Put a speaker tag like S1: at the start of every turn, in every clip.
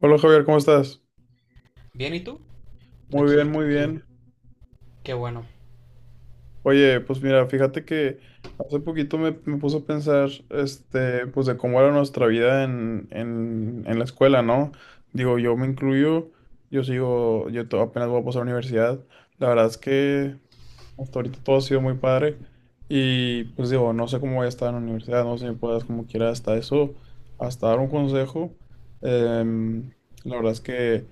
S1: Hola Javier, ¿cómo estás?
S2: Bien, ¿y tú?
S1: Muy
S2: Aquí
S1: bien, muy
S2: tranquilo.
S1: bien.
S2: Qué bueno.
S1: Oye, pues mira, fíjate que hace poquito me puse a pensar, pues de cómo era nuestra vida en la escuela, ¿no? Digo, yo me incluyo, yo sigo, apenas voy a pasar a la universidad. La verdad es que hasta ahorita todo ha sido muy padre y pues digo, no sé cómo voy a estar en la universidad, no sé si me puedas como quiera hasta eso, hasta dar un consejo. Em, la verdad es que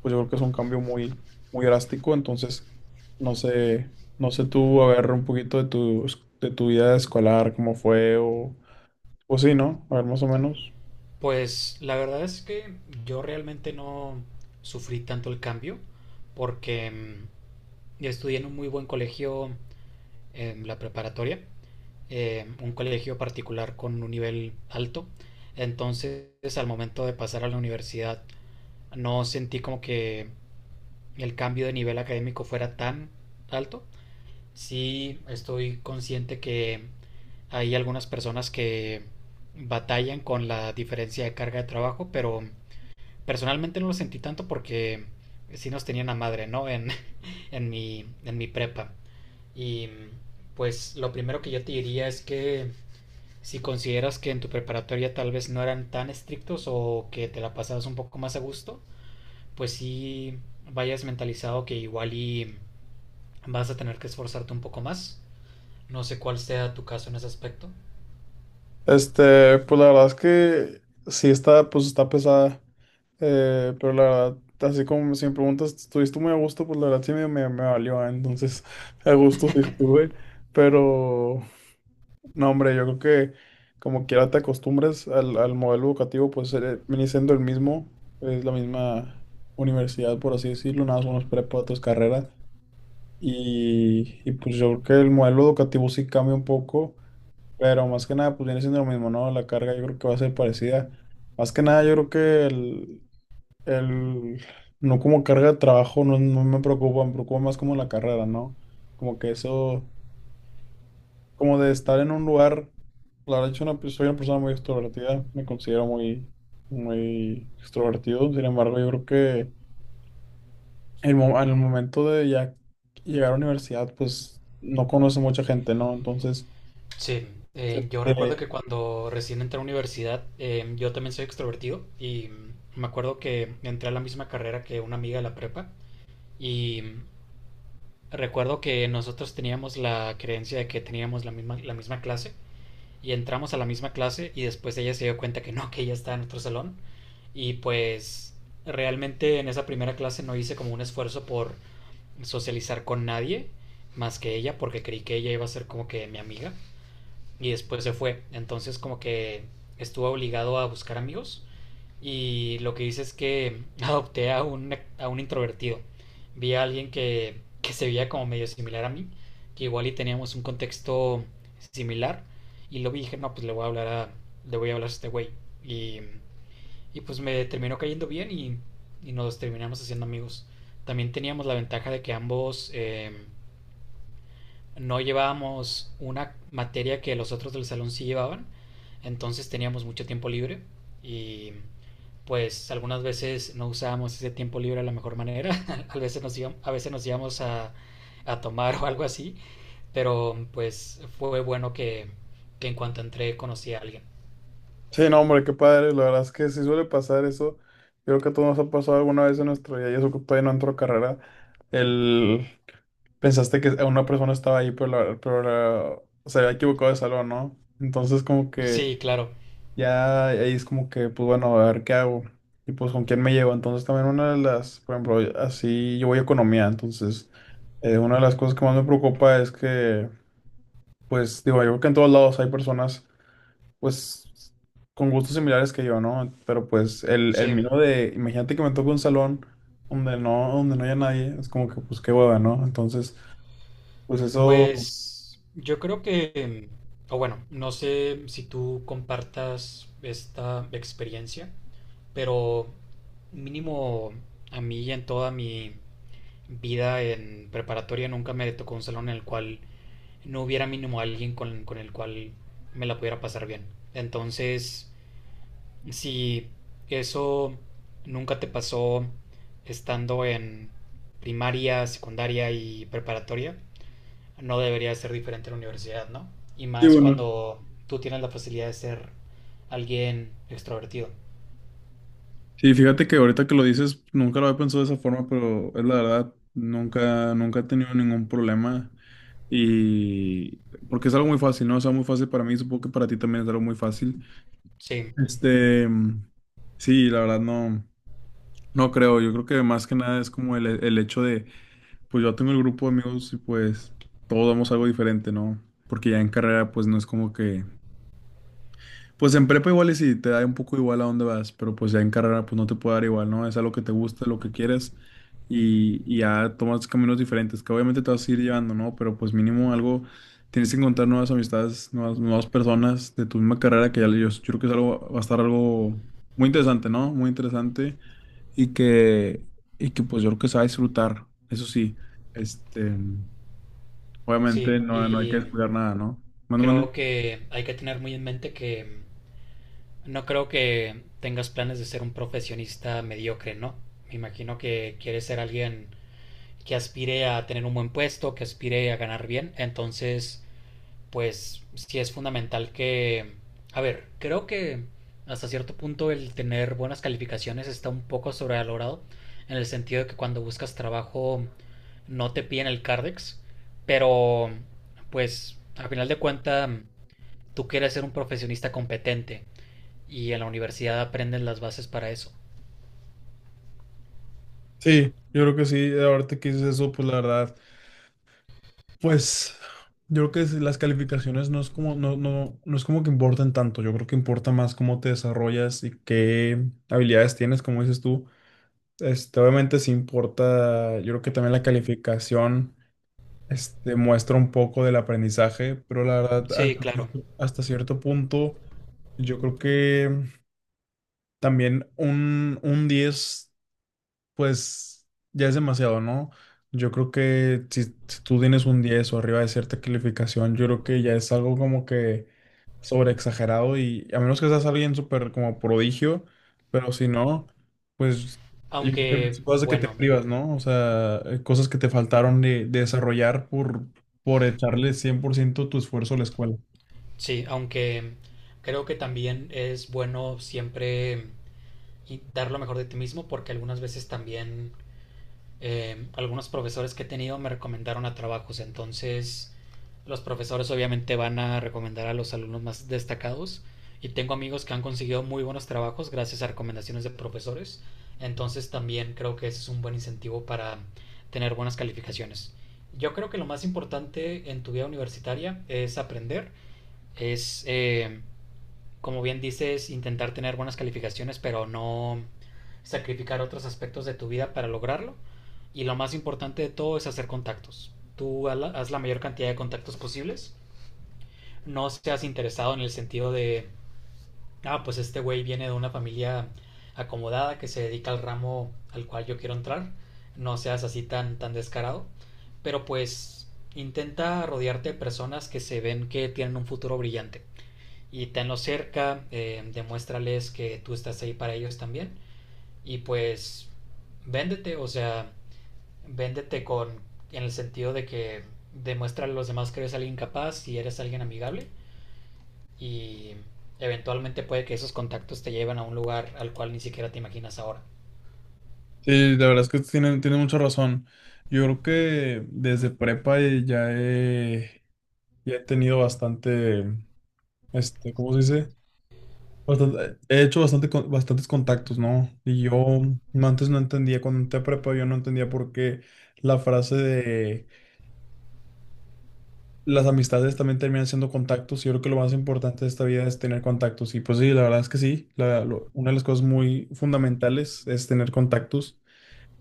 S1: pues yo creo que es un cambio muy drástico, entonces no sé, no sé tú, a ver un poquito de de tu vida escolar, cómo fue o sí, ¿no? A ver más o menos.
S2: Pues la verdad es que yo realmente no sufrí tanto el cambio porque yo estudié en un muy buen colegio en la preparatoria, un colegio particular con un nivel alto. Entonces, al momento de pasar a la universidad, no sentí como que el cambio de nivel académico fuera tan alto. Sí, estoy consciente que hay algunas personas que batallan con la diferencia de carga de trabajo, pero personalmente no lo sentí tanto porque sí nos tenían a madre, ¿no? En mi prepa. Y pues lo primero que yo te diría es que si consideras que en tu preparatoria tal vez no eran tan estrictos o que te la pasabas un poco más a gusto, pues sí vayas mentalizado que igual y vas a tener que esforzarte un poco más. No sé cuál sea tu caso en ese aspecto.
S1: Pues la verdad es que sí está, pues está pesada. Pero la verdad, así como si me preguntas, ¿estuviste muy a gusto? Pues la verdad sí me valió, ¿eh? Entonces, a gusto sí estuve. Pero no, hombre, yo creo que como quiera te acostumbres al modelo educativo, pues viene siendo el mismo, es la misma universidad, por así decirlo, nada más unos prepa, otras carreras. Y pues yo creo que el modelo educativo sí cambia un poco, pero más que nada, pues viene siendo lo mismo, ¿no? La carga yo creo que va a ser parecida. Más que nada, yo creo que el, no como carga de trabajo, no me preocupa, me preocupa más como la carrera, ¿no? Como que eso, como de estar en un lugar, la verdad, yo soy una, pe- soy una persona muy extrovertida, me considero muy extrovertido, sin embargo, yo creo que al momento de ya llegar a la universidad, pues no conoce mucha gente, ¿no? Entonces,
S2: Sí, yo recuerdo
S1: este,
S2: que cuando recién entré a la universidad, yo también soy extrovertido y me acuerdo que entré a la misma carrera que una amiga de la prepa y recuerdo que nosotros teníamos la creencia de que teníamos la misma clase y entramos a la misma clase, y después ella se dio cuenta que no, que ella estaba en otro salón. Y pues realmente en esa primera clase no hice como un esfuerzo por socializar con nadie más que ella, porque creí que ella iba a ser como que mi amiga y después se fue. Entonces, como que estuvo obligado a buscar amigos, y lo que hice es que adopté a un, a un introvertido. Vi a alguien que se veía como medio similar a mí, que igual y teníamos un contexto similar, y lo vi y dije, no, pues le voy a hablar a este güey. Y, y pues me terminó cayendo bien, y nos terminamos haciendo amigos. También teníamos la ventaja de que ambos... no llevábamos una materia que los otros del salón sí llevaban, entonces teníamos mucho tiempo libre y pues algunas veces no usábamos ese tiempo libre de la mejor manera. A veces nos íbamos, a tomar o algo así, pero pues fue bueno que en cuanto entré conocí a alguien.
S1: sí, no, hombre, qué padre. La verdad es que sí suele pasar eso. Yo creo que a todos nos ha pasado alguna vez en nuestro día, y eso que todavía no entró a carrera. El... Pensaste que una persona estaba ahí, pero, se había equivocado de salón, ¿no? Entonces, como que
S2: Sí, claro,
S1: ya ahí es como que, pues bueno, a ver qué hago. Y pues con quién me llevo. Entonces, también una de las, por ejemplo, así yo voy a economía. Entonces, una de las cosas que más me preocupa es que, pues digo, yo creo que en todos lados hay personas pues con gustos similares que yo, ¿no? Pero pues el Sí.
S2: sí.
S1: mío de, imagínate que me toque un salón donde donde no haya nadie, es como que pues qué hueva, ¿no? Entonces, pues eso,
S2: Pues yo creo que, o bueno, no sé si tú compartas esta experiencia, pero mínimo a mí en toda mi vida en preparatoria nunca me tocó un salón en el cual no hubiera mínimo alguien con el cual me la pudiera pasar bien. Entonces, si eso nunca te pasó estando en primaria, secundaria y preparatoria, no debería ser diferente en la universidad, ¿no? Y
S1: sí,
S2: más
S1: bueno.
S2: cuando tú tienes la facilidad de ser alguien extrovertido.
S1: Sí, fíjate que ahorita que lo dices, nunca lo había pensado de esa forma, pero es la verdad, nunca he tenido ningún problema. Y porque es algo muy fácil, ¿no? Es algo muy fácil para mí, supongo que para ti también es algo muy fácil.
S2: Sí,
S1: Este, mm, sí, la verdad no, no creo. Yo creo que más que nada es como el hecho de pues yo tengo el grupo de amigos y pues todos damos algo diferente, ¿no? Porque ya en carrera pues no es como que... Pues en prepa igual y si te da un poco igual a dónde vas, pero pues ya en carrera pues no te puede dar igual, ¿no? Es algo que te gusta, lo que quieres y ya tomas caminos diferentes que obviamente te vas a ir llevando, ¿no? Pero pues mínimo algo, tienes que encontrar nuevas amistades, nuevas personas de tu misma carrera yo creo que es algo, va a estar algo muy interesante, ¿no? Muy interesante y que, y que pues yo creo que se va a disfrutar, eso sí. Este, Obviamente
S2: sí.
S1: no hay que
S2: Y
S1: descuidar nada, ¿no? Manda, manda.
S2: creo que hay que tener muy en mente que no creo que tengas planes de ser un profesionista mediocre, ¿no? Me imagino que quieres ser alguien que aspire a tener un buen puesto, que aspire a ganar bien. Entonces, pues sí es fundamental que... A ver, creo que hasta cierto punto el tener buenas calificaciones está un poco sobrevalorado, en el sentido de que cuando buscas trabajo no te piden el Cardex, pero pues a final de cuentas tú quieres ser un profesionista competente y en la universidad aprendes las bases para eso.
S1: Sí, yo creo que sí, ahorita que dices eso, pues la verdad, pues yo creo que si las calificaciones no es como, no es como que importan tanto, yo creo que importa más cómo te desarrollas y qué habilidades tienes, como dices tú. Este, obviamente sí importa, yo creo que también la calificación este, muestra un poco del aprendizaje, pero la verdad,
S2: Sí, claro.
S1: hasta cierto punto, yo creo que también un 10 pues ya es demasiado, ¿no? Yo creo que si tú tienes un 10 o arriba de cierta calificación, yo creo que ya es algo como que sobreexagerado y a menos que seas alguien súper como prodigio, pero si no, pues yo creo que hay
S2: Aunque,
S1: muchas cosas de que te
S2: bueno,
S1: privas, ¿no? O sea, cosas que te faltaron de desarrollar por echarle 100% tu esfuerzo a la escuela.
S2: sí, aunque creo que también es bueno siempre y dar lo mejor de ti mismo, porque algunas veces también algunos profesores que he tenido me recomendaron a trabajos. Entonces, los profesores obviamente van a recomendar a los alumnos más destacados, y tengo amigos que han conseguido muy buenos trabajos gracias a recomendaciones de profesores. Entonces también creo que ese es un buen incentivo para tener buenas calificaciones. Yo creo que lo más importante en tu vida universitaria es aprender, es, eh, como bien dices, intentar tener buenas calificaciones, pero no sacrificar otros aspectos de tu vida para lograrlo. Y lo más importante de todo es hacer contactos. Haz la mayor cantidad de contactos posibles, no seas interesado en el sentido de, ah, pues este güey viene de una familia acomodada que se dedica al ramo al cual yo quiero entrar, no seas así tan, tan descarado, pero pues intenta rodearte de personas que se ven que tienen un futuro brillante, y tenlos cerca, demuéstrales que tú estás ahí para ellos también. Y pues véndete, o sea, véndete, con en el sentido de que demuestra a los demás que eres alguien capaz y eres alguien amigable, y eventualmente puede que esos contactos te lleven a un lugar al cual ni siquiera te imaginas ahora.
S1: Sí, la verdad es que tienen, tienen mucha razón. Yo creo que desde prepa ya he tenido bastante. Este, ¿cómo se dice? He hecho bastantes contactos, ¿no? Y yo mm, antes no entendía, cuando entré a prepa, yo no entendía por qué la frase de las amistades también terminan siendo contactos. Yo creo que lo más importante de esta vida es tener contactos. Y pues sí, la verdad es que sí, una de las cosas muy fundamentales es tener contactos.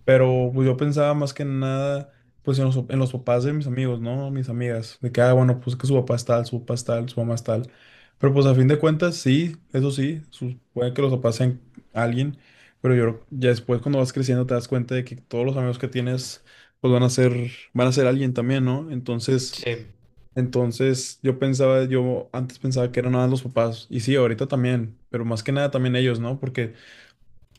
S1: Pero pues yo pensaba más que nada, pues en en los papás de mis amigos, ¿no? Mis amigas, de que, ah, bueno, pues que su papá es tal, su papá es tal, su mamá es tal. Pero pues a fin de cuentas, sí, eso sí, puede que los papás sean alguien, pero ya después cuando vas creciendo te das cuenta de que todos los amigos que tienes, pues van a ser alguien también, ¿no?
S2: Sí,
S1: Entonces yo pensaba, yo antes pensaba que eran nada más los papás, y sí, ahorita también, pero más que nada también ellos, ¿no? Porque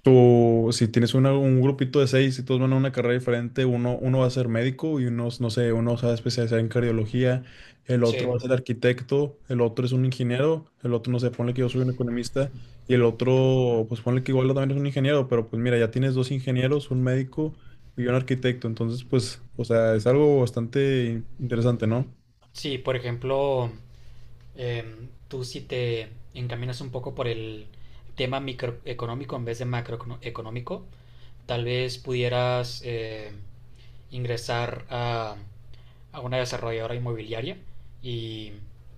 S1: tú, si tienes un grupito de 6 y todos van a una carrera diferente, uno va a ser médico y uno, no sé, uno se va a especializar en cardiología, el otro
S2: sí,
S1: va a ser arquitecto, el otro es un ingeniero, el otro, no sé, ponle que yo soy un economista y el otro, pues ponle que igual también es un ingeniero, pero pues mira, ya tienes dos ingenieros, un médico y un arquitecto, entonces pues, o sea, es algo bastante interesante, ¿no?
S2: sí, por ejemplo, tú si te encaminas un poco por el tema microeconómico en vez de macroeconómico, tal vez pudieras ingresar a, una desarrolladora inmobiliaria, y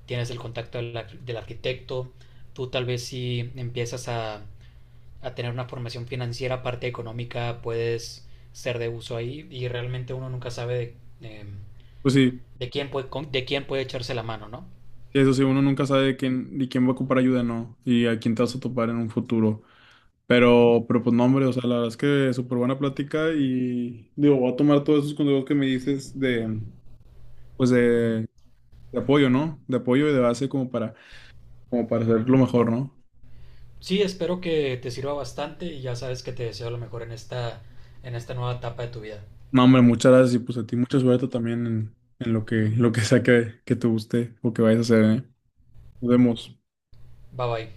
S2: tienes el contacto del arquitecto. Tú tal vez si empiezas a tener una formación financiera, parte económica, puedes ser de uso ahí. Y realmente uno nunca sabe de, eh,
S1: Pues sí,
S2: de quién puede echarse la mano, ¿no?
S1: sí, eso sí, uno nunca sabe de quién va a ocupar ayuda, ¿no? Y a quién te vas a topar en un futuro. Pero pues no, hombre, o sea, la verdad es que súper buena plática y digo, voy a tomar todos esos consejos que me dices de, pues de, de apoyo, ¿no? De apoyo y de base como para, como para hacer lo mejor, ¿no?
S2: Sí, espero que te sirva bastante y ya sabes que te deseo lo mejor en esta nueva etapa de tu vida.
S1: No, hombre, muchas gracias y pues a ti mucha suerte también en lo que sea que te guste o que vayas a hacer, ¿eh? Nos vemos.
S2: Bye bye.